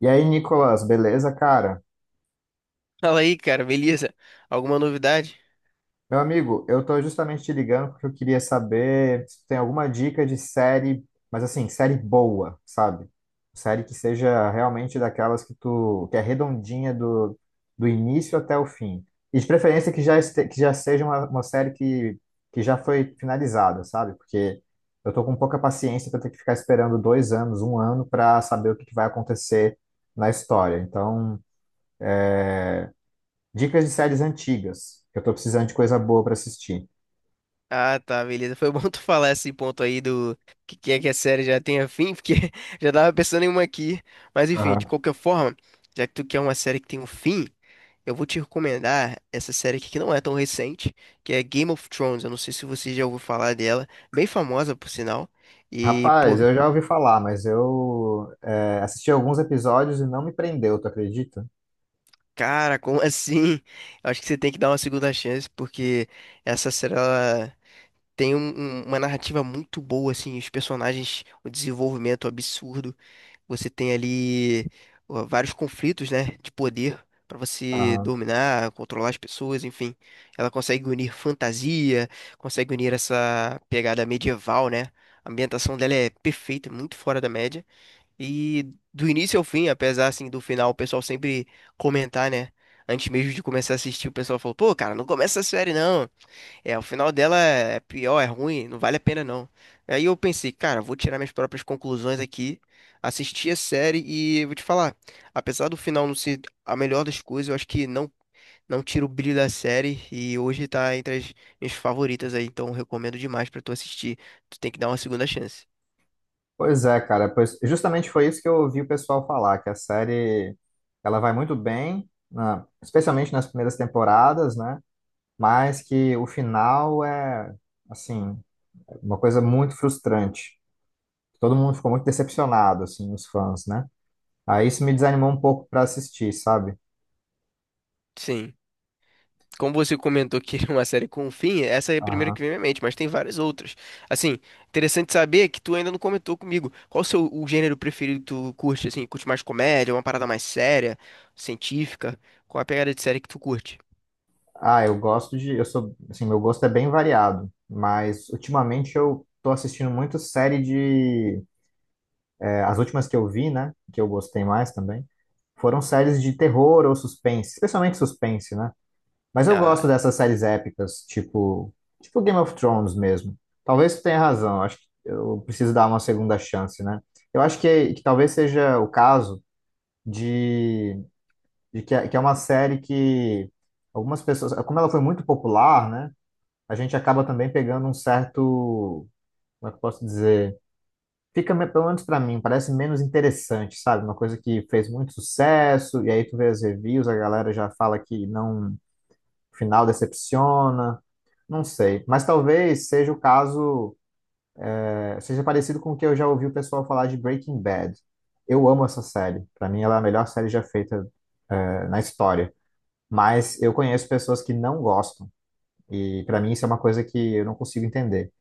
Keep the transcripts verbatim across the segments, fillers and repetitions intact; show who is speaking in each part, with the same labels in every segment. Speaker 1: E aí, Nicolas, beleza, cara?
Speaker 2: Fala aí, cara, beleza? Alguma novidade?
Speaker 1: Meu amigo, eu tô justamente te ligando porque eu queria saber se tu tem alguma dica de série, mas assim, série boa, sabe? Série que seja realmente daquelas que tu, que é redondinha do, do início até o fim. E de preferência que já, este, que já seja uma, uma série que, que já foi finalizada, sabe? Porque eu tô com pouca paciência pra ter que ficar esperando dois anos, um ano, pra saber o que que vai acontecer na história. Então. Dicas de séries antigas, que eu tô precisando de coisa boa pra assistir.
Speaker 2: Ah, tá, beleza. Foi bom tu falar esse ponto aí do que, que é que a série já tenha fim, porque já tava pensando em uma aqui. Mas enfim, de
Speaker 1: Aham.
Speaker 2: qualquer forma, já que tu quer uma série que tem um fim, eu vou te recomendar essa série aqui que não é tão recente, que é Game of Thrones. Eu não sei se você já ouviu falar dela, bem famosa por sinal. E, pô,
Speaker 1: Rapaz, eu já ouvi falar, mas eu é, assisti alguns episódios e não me prendeu, tu acredita?
Speaker 2: cara, como assim? Eu acho que você tem que dar uma segunda chance, porque essa série ela Tem um- um- uma narrativa muito boa, assim, os personagens, o desenvolvimento absurdo. Você tem ali ó, vários conflitos, né, de poder pra você
Speaker 1: Aham.
Speaker 2: dominar, controlar as pessoas, enfim. Ela consegue unir fantasia, consegue unir essa pegada medieval, né? A ambientação dela é perfeita, muito fora da média. E do início ao fim, apesar assim do final, o pessoal sempre comentar, né? Antes mesmo de começar a assistir, o pessoal falou: "Pô, cara, não começa a série não. É, o final dela é pior, é ruim, não vale a pena não." Aí eu pensei, cara, vou tirar minhas próprias conclusões aqui, assistir a série e vou te falar, apesar do final não ser a melhor das coisas, eu acho que não não tira o brilho da série e hoje tá entre as minhas favoritas aí, então eu recomendo demais pra tu assistir. Tu tem que dar uma segunda chance.
Speaker 1: Pois é, cara, pois justamente foi isso que eu ouvi o pessoal falar, que a série ela vai muito bem, na- especialmente nas primeiras temporadas, né? Mas que o final é, assim, uma coisa muito frustrante. Todo mundo ficou muito decepcionado, assim, os fãs, né? Aí isso me desanimou um pouco pra assistir, sabe?
Speaker 2: Sim. Como você comentou que é uma série com um fim, essa é a primeira que vem à minha mente, mas tem várias outras. Assim, interessante saber que tu ainda não comentou comigo. Qual o seu o gênero preferido que tu curte, assim? Curte mais comédia, uma parada mais séria, científica? Qual a pegada de série que tu curte?
Speaker 1: Ah, eu gosto de, eu sou, assim, meu gosto é bem variado, mas ultimamente eu tô assistindo muito série de, é, as últimas que eu vi, né, que eu gostei mais também, foram séries de terror ou suspense, especialmente suspense, né? Mas eu
Speaker 2: Ah,
Speaker 1: gosto dessas séries épicas, tipo, tipo Game of Thrones mesmo. Talvez tu tenha razão, eu acho que eu preciso dar uma segunda chance, né? Eu acho que, que talvez seja o caso de, de que, é- que é uma série que algumas pessoas, como ela foi muito popular, né? A gente acaba também pegando um certo, como é que eu posso dizer? Fica, me- pelo menos pra mim, parece menos interessante, sabe? Uma coisa que fez muito sucesso, e aí tu vê as reviews, a galera já fala que não, o final decepciona, não sei. Mas talvez seja o caso, é, seja parecido com o que eu já ouvi o pessoal falar de Breaking Bad. Eu amo essa série. Pra mim, ela é a melhor série já feita, é, na história. Mas eu conheço pessoas que não gostam, e pra mim isso é uma coisa que eu não consigo entender.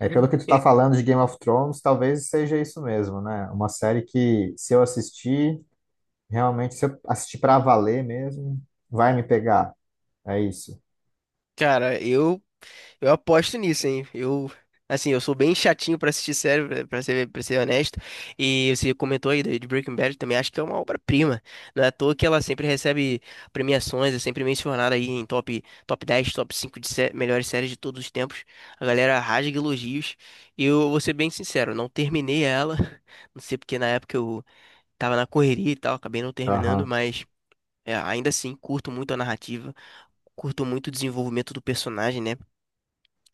Speaker 1: É, pelo que tu tá
Speaker 2: e-
Speaker 1: falando de Game of Thrones, talvez seja isso mesmo, né? Uma série que, se eu assistir, realmente, se eu assistir pra valer mesmo, vai me pegar. É isso.
Speaker 2: cara, eu eu aposto nisso, hein? Eu, assim, eu sou bem chatinho pra assistir série, pra pra ser, pra ser honesto. E você comentou aí de de Breaking Bad, também acho que é uma obra-prima. Não é à toa que ela sempre recebe premiações, é sempre mencionada aí em top, top dez, top cinco de sé- melhores séries de todos os tempos. A galera rasga elogios. E eu vou ser bem sincero, não terminei ela. Não sei porque na época eu tava na correria e tal, acabei não terminando,
Speaker 1: Aham.
Speaker 2: mas é, ainda assim, curto muito a narrativa. Curto muito o desenvolvimento do personagem, né?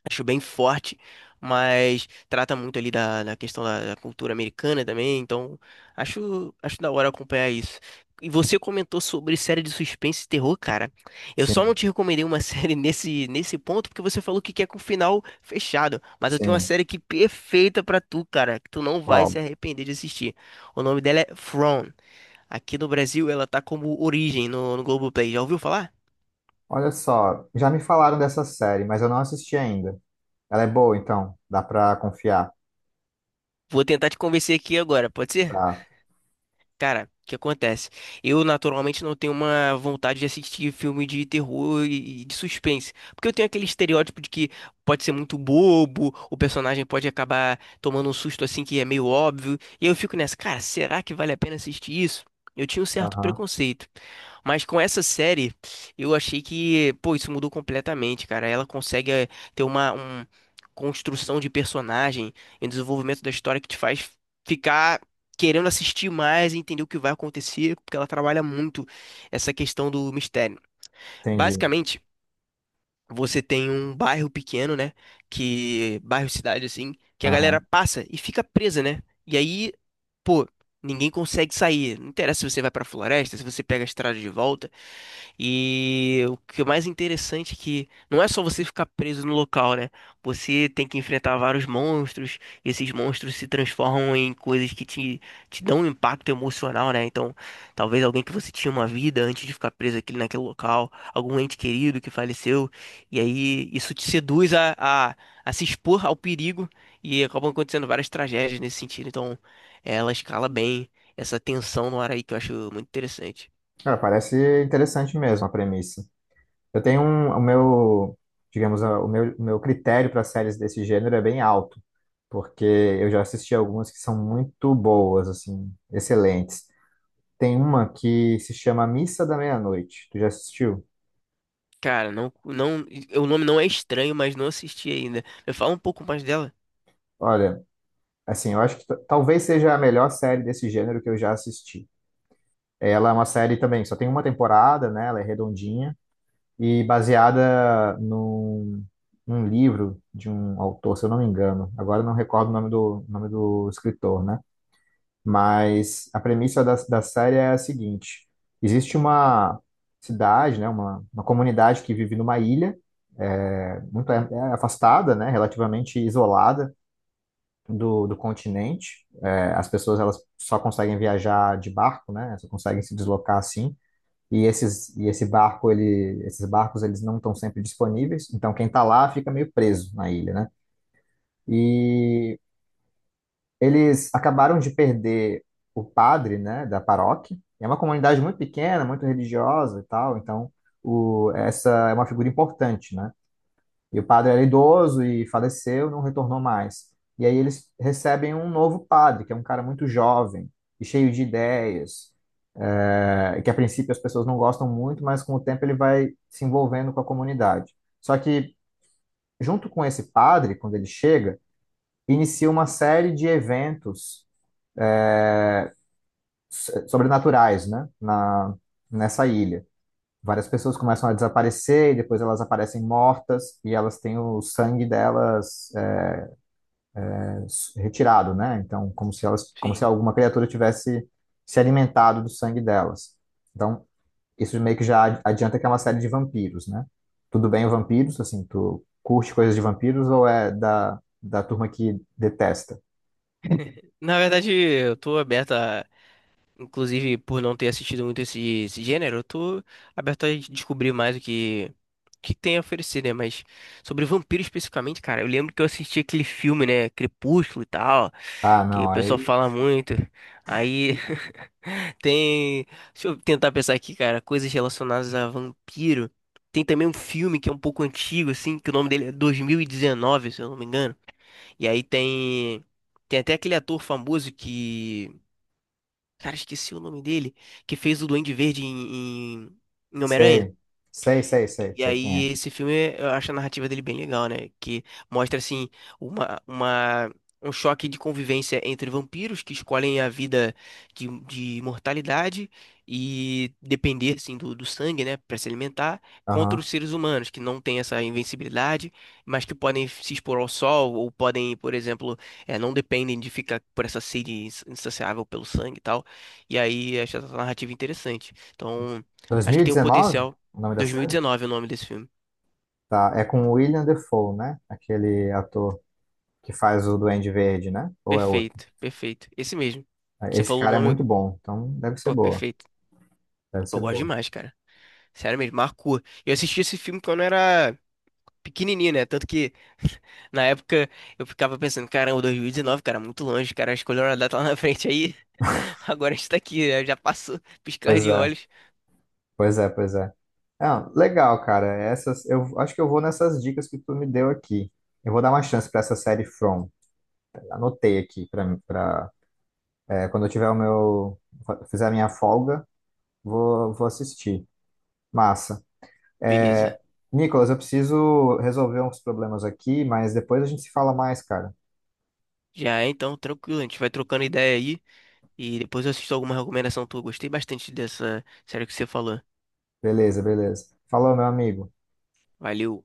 Speaker 2: Acho bem forte, mas trata muito ali da, da questão da, da cultura americana também, então acho, acho da hora acompanhar isso. E você comentou sobre série de suspense e terror, cara. Eu só não
Speaker 1: Sim,
Speaker 2: te recomendei uma série nesse, nesse ponto porque você falou que quer com o final fechado. Mas eu tenho uma
Speaker 1: sim.
Speaker 2: série que perfeita pra tu, cara, que tu não vai se
Speaker 1: Ó,
Speaker 2: arrepender de assistir. O nome dela é From. Aqui no Brasil ela tá como Origem no, no Globoplay. Já ouviu falar?
Speaker 1: olha só, já me falaram dessa série, mas eu não assisti ainda. Ela é boa, então? Dá pra confiar?
Speaker 2: Vou tentar te convencer aqui agora, pode ser?
Speaker 1: Tá.
Speaker 2: Cara, o que acontece? Eu naturalmente não tenho uma vontade de assistir filme de terror e e de suspense, porque eu tenho aquele estereótipo de que pode ser muito bobo, o personagem pode acabar tomando um susto assim que é meio óbvio, e eu fico nessa, cara, será que vale a pena assistir isso? Eu tinha um certo
Speaker 1: Aham.
Speaker 2: preconceito, mas com essa série eu achei que, pô, isso mudou completamente, cara. Ela consegue eh, ter uma um- construção de personagem e um desenvolvimento da história que te faz ficar querendo assistir mais e entender o que vai acontecer, porque ela trabalha muito essa questão do mistério.
Speaker 1: Entendi.
Speaker 2: Basicamente, você tem um bairro pequeno, né? Que bairro cidade assim, que a galera
Speaker 1: Aham.
Speaker 2: passa e fica presa, né? E aí, pô, ninguém consegue sair. Não interessa se você vai pra floresta, se você pega a estrada de volta. E o que é mais interessante é que não é só você ficar preso no local, né? Você tem que enfrentar vários monstros, e esses monstros se transformam em coisas que te, te dão um impacto emocional, né? Então, talvez alguém que você tinha uma vida antes de ficar preso aqui naquele local, algum ente querido que faleceu, e aí isso te seduz a, a, a se expor ao perigo e acabam acontecendo várias tragédias nesse sentido. Então, ela escala bem essa tensão no ar aí que eu acho muito interessante.
Speaker 1: Cara, parece interessante mesmo a premissa. Eu tenho um, o meu, digamos, a- O meu, o meu critério para séries desse gênero é bem alto, porque eu já assisti algumas que são muito boas, assim, excelentes. Tem uma que se chama Missa da Meia-Noite. Tu já assistiu?
Speaker 2: Cara, não, não, o nome não é estranho, mas não assisti ainda. Me fala um pouco mais dela.
Speaker 1: Olha, assim, eu acho que t- talvez seja a melhor série desse gênero que eu já assisti. Ela é uma série também, só tem uma temporada, né? Ela é redondinha e baseada num, num livro de um autor, se eu não me engano. Agora eu não recordo o nome do, nome do escritor, né? Mas a premissa da, da série é a seguinte: existe uma cidade, né, uma, uma comunidade que vive numa ilha, é, muito é, é afastada, né, relativamente isolada do, do continente. É, as pessoas elas só conseguem viajar de barco, né, só conseguem se deslocar assim. E esses e esse barco ele, esses barcos eles não estão sempre disponíveis. Então quem está lá fica meio preso na ilha, né? E eles acabaram de perder o padre, né, da paróquia. É uma comunidade muito pequena, muito religiosa e tal, então o, essa é uma figura importante, né? E o padre era idoso e faleceu, não retornou mais. E aí eles recebem um novo padre, que é um cara muito jovem e cheio de ideias, é, que a princípio as pessoas não gostam muito, mas com o tempo ele vai se envolvendo com a comunidade. Só que junto com esse padre, quando ele chega, inicia uma série de eventos s- sobrenaturais, né? Na, nessa ilha. Várias pessoas começam a desaparecer e depois elas aparecem mortas e elas têm o sangue delas é, s- retirado, né? Então, como se elas, como se
Speaker 2: Sim.
Speaker 1: alguma criatura tivesse se alimentado do sangue delas. Então, isso meio que já ad- adianta que é uma série de vampiros, né? Tudo bem, o vampiros, assim, tu curte coisas de vampiros ou é da, da turma que detesta?
Speaker 2: Na verdade, eu tô aberto a, inclusive por não ter assistido muito esse, esse gênero, eu tô aberto a descobrir mais o que, o que tem a oferecer, né? Mas sobre vampiro especificamente, cara, eu lembro que eu assisti aquele filme, né? Crepúsculo e tal,
Speaker 1: Ah,
Speaker 2: que o
Speaker 1: não,
Speaker 2: pessoal
Speaker 1: aí
Speaker 2: fala muito. Aí tem. Deixa eu tentar pensar aqui, cara. Coisas relacionadas a vampiro. Tem também um filme que é um pouco antigo, assim, que o nome dele é dois mil e dezenove, se eu não me engano. E aí tem. Tem até aquele ator famoso que. Cara, esqueci o nome dele. Que fez o Duende Verde em, em, em Homem-Aranha.
Speaker 1: sei, sei, sei, sei,
Speaker 2: E
Speaker 1: sei quem
Speaker 2: aí,
Speaker 1: é.
Speaker 2: esse filme, eu acho a narrativa dele bem legal, né? Que mostra, assim, uma, uma, um choque de convivência entre vampiros que escolhem a vida de, de imortalidade e depender, assim, do, do sangue, né? Para se alimentar, contra
Speaker 1: Aham.
Speaker 2: os seres humanos que não têm essa invencibilidade, mas que podem se expor ao sol ou podem, por exemplo, eh, não dependem de ficar por essa sede ins- insaciável pelo sangue e tal. E aí, acho essa narrativa interessante. Então, acho que tem um
Speaker 1: dois mil e dezenove,
Speaker 2: potencial.
Speaker 1: o nome da série?
Speaker 2: dois mil e dezenove é o nome desse filme.
Speaker 1: Tá, é com o William Dafoe né? Aquele ator que faz o Duende Verde, né? Ou é outro?
Speaker 2: Perfeito, perfeito. Esse mesmo. Você
Speaker 1: Esse
Speaker 2: falou o
Speaker 1: cara é
Speaker 2: nome,
Speaker 1: muito bom, então deve ser
Speaker 2: pô,
Speaker 1: boa.
Speaker 2: perfeito.
Speaker 1: Deve
Speaker 2: Eu
Speaker 1: ser
Speaker 2: gosto
Speaker 1: boa.
Speaker 2: demais, cara. Sério mesmo, marcou. Eu assisti esse filme quando eu era pequenininho, né? Tanto que na época eu ficava pensando, caramba, dois mil e dezenove, cara, muito longe, cara, escolheram a data lá na frente aí. Agora a gente tá aqui, né? Já passou, piscar
Speaker 1: Pois
Speaker 2: de
Speaker 1: é,
Speaker 2: olhos.
Speaker 1: pois é, pois é. Não, legal, cara. Essas, eu acho que eu vou nessas dicas que tu me deu aqui. Eu vou dar uma chance para essa série From. Anotei aqui para para quando eu tiver o meu fizer a minha folga, vou vou assistir. Massa. É,
Speaker 2: Beleza.
Speaker 1: Nicolas, eu preciso resolver uns problemas aqui, mas depois a gente se fala mais, cara.
Speaker 2: Já é, então, tranquilo. A gente vai trocando ideia aí. E depois eu assisto alguma recomendação tua. Gostei bastante dessa série que você falou.
Speaker 1: Beleza, beleza. Falou, meu amigo.
Speaker 2: Valeu.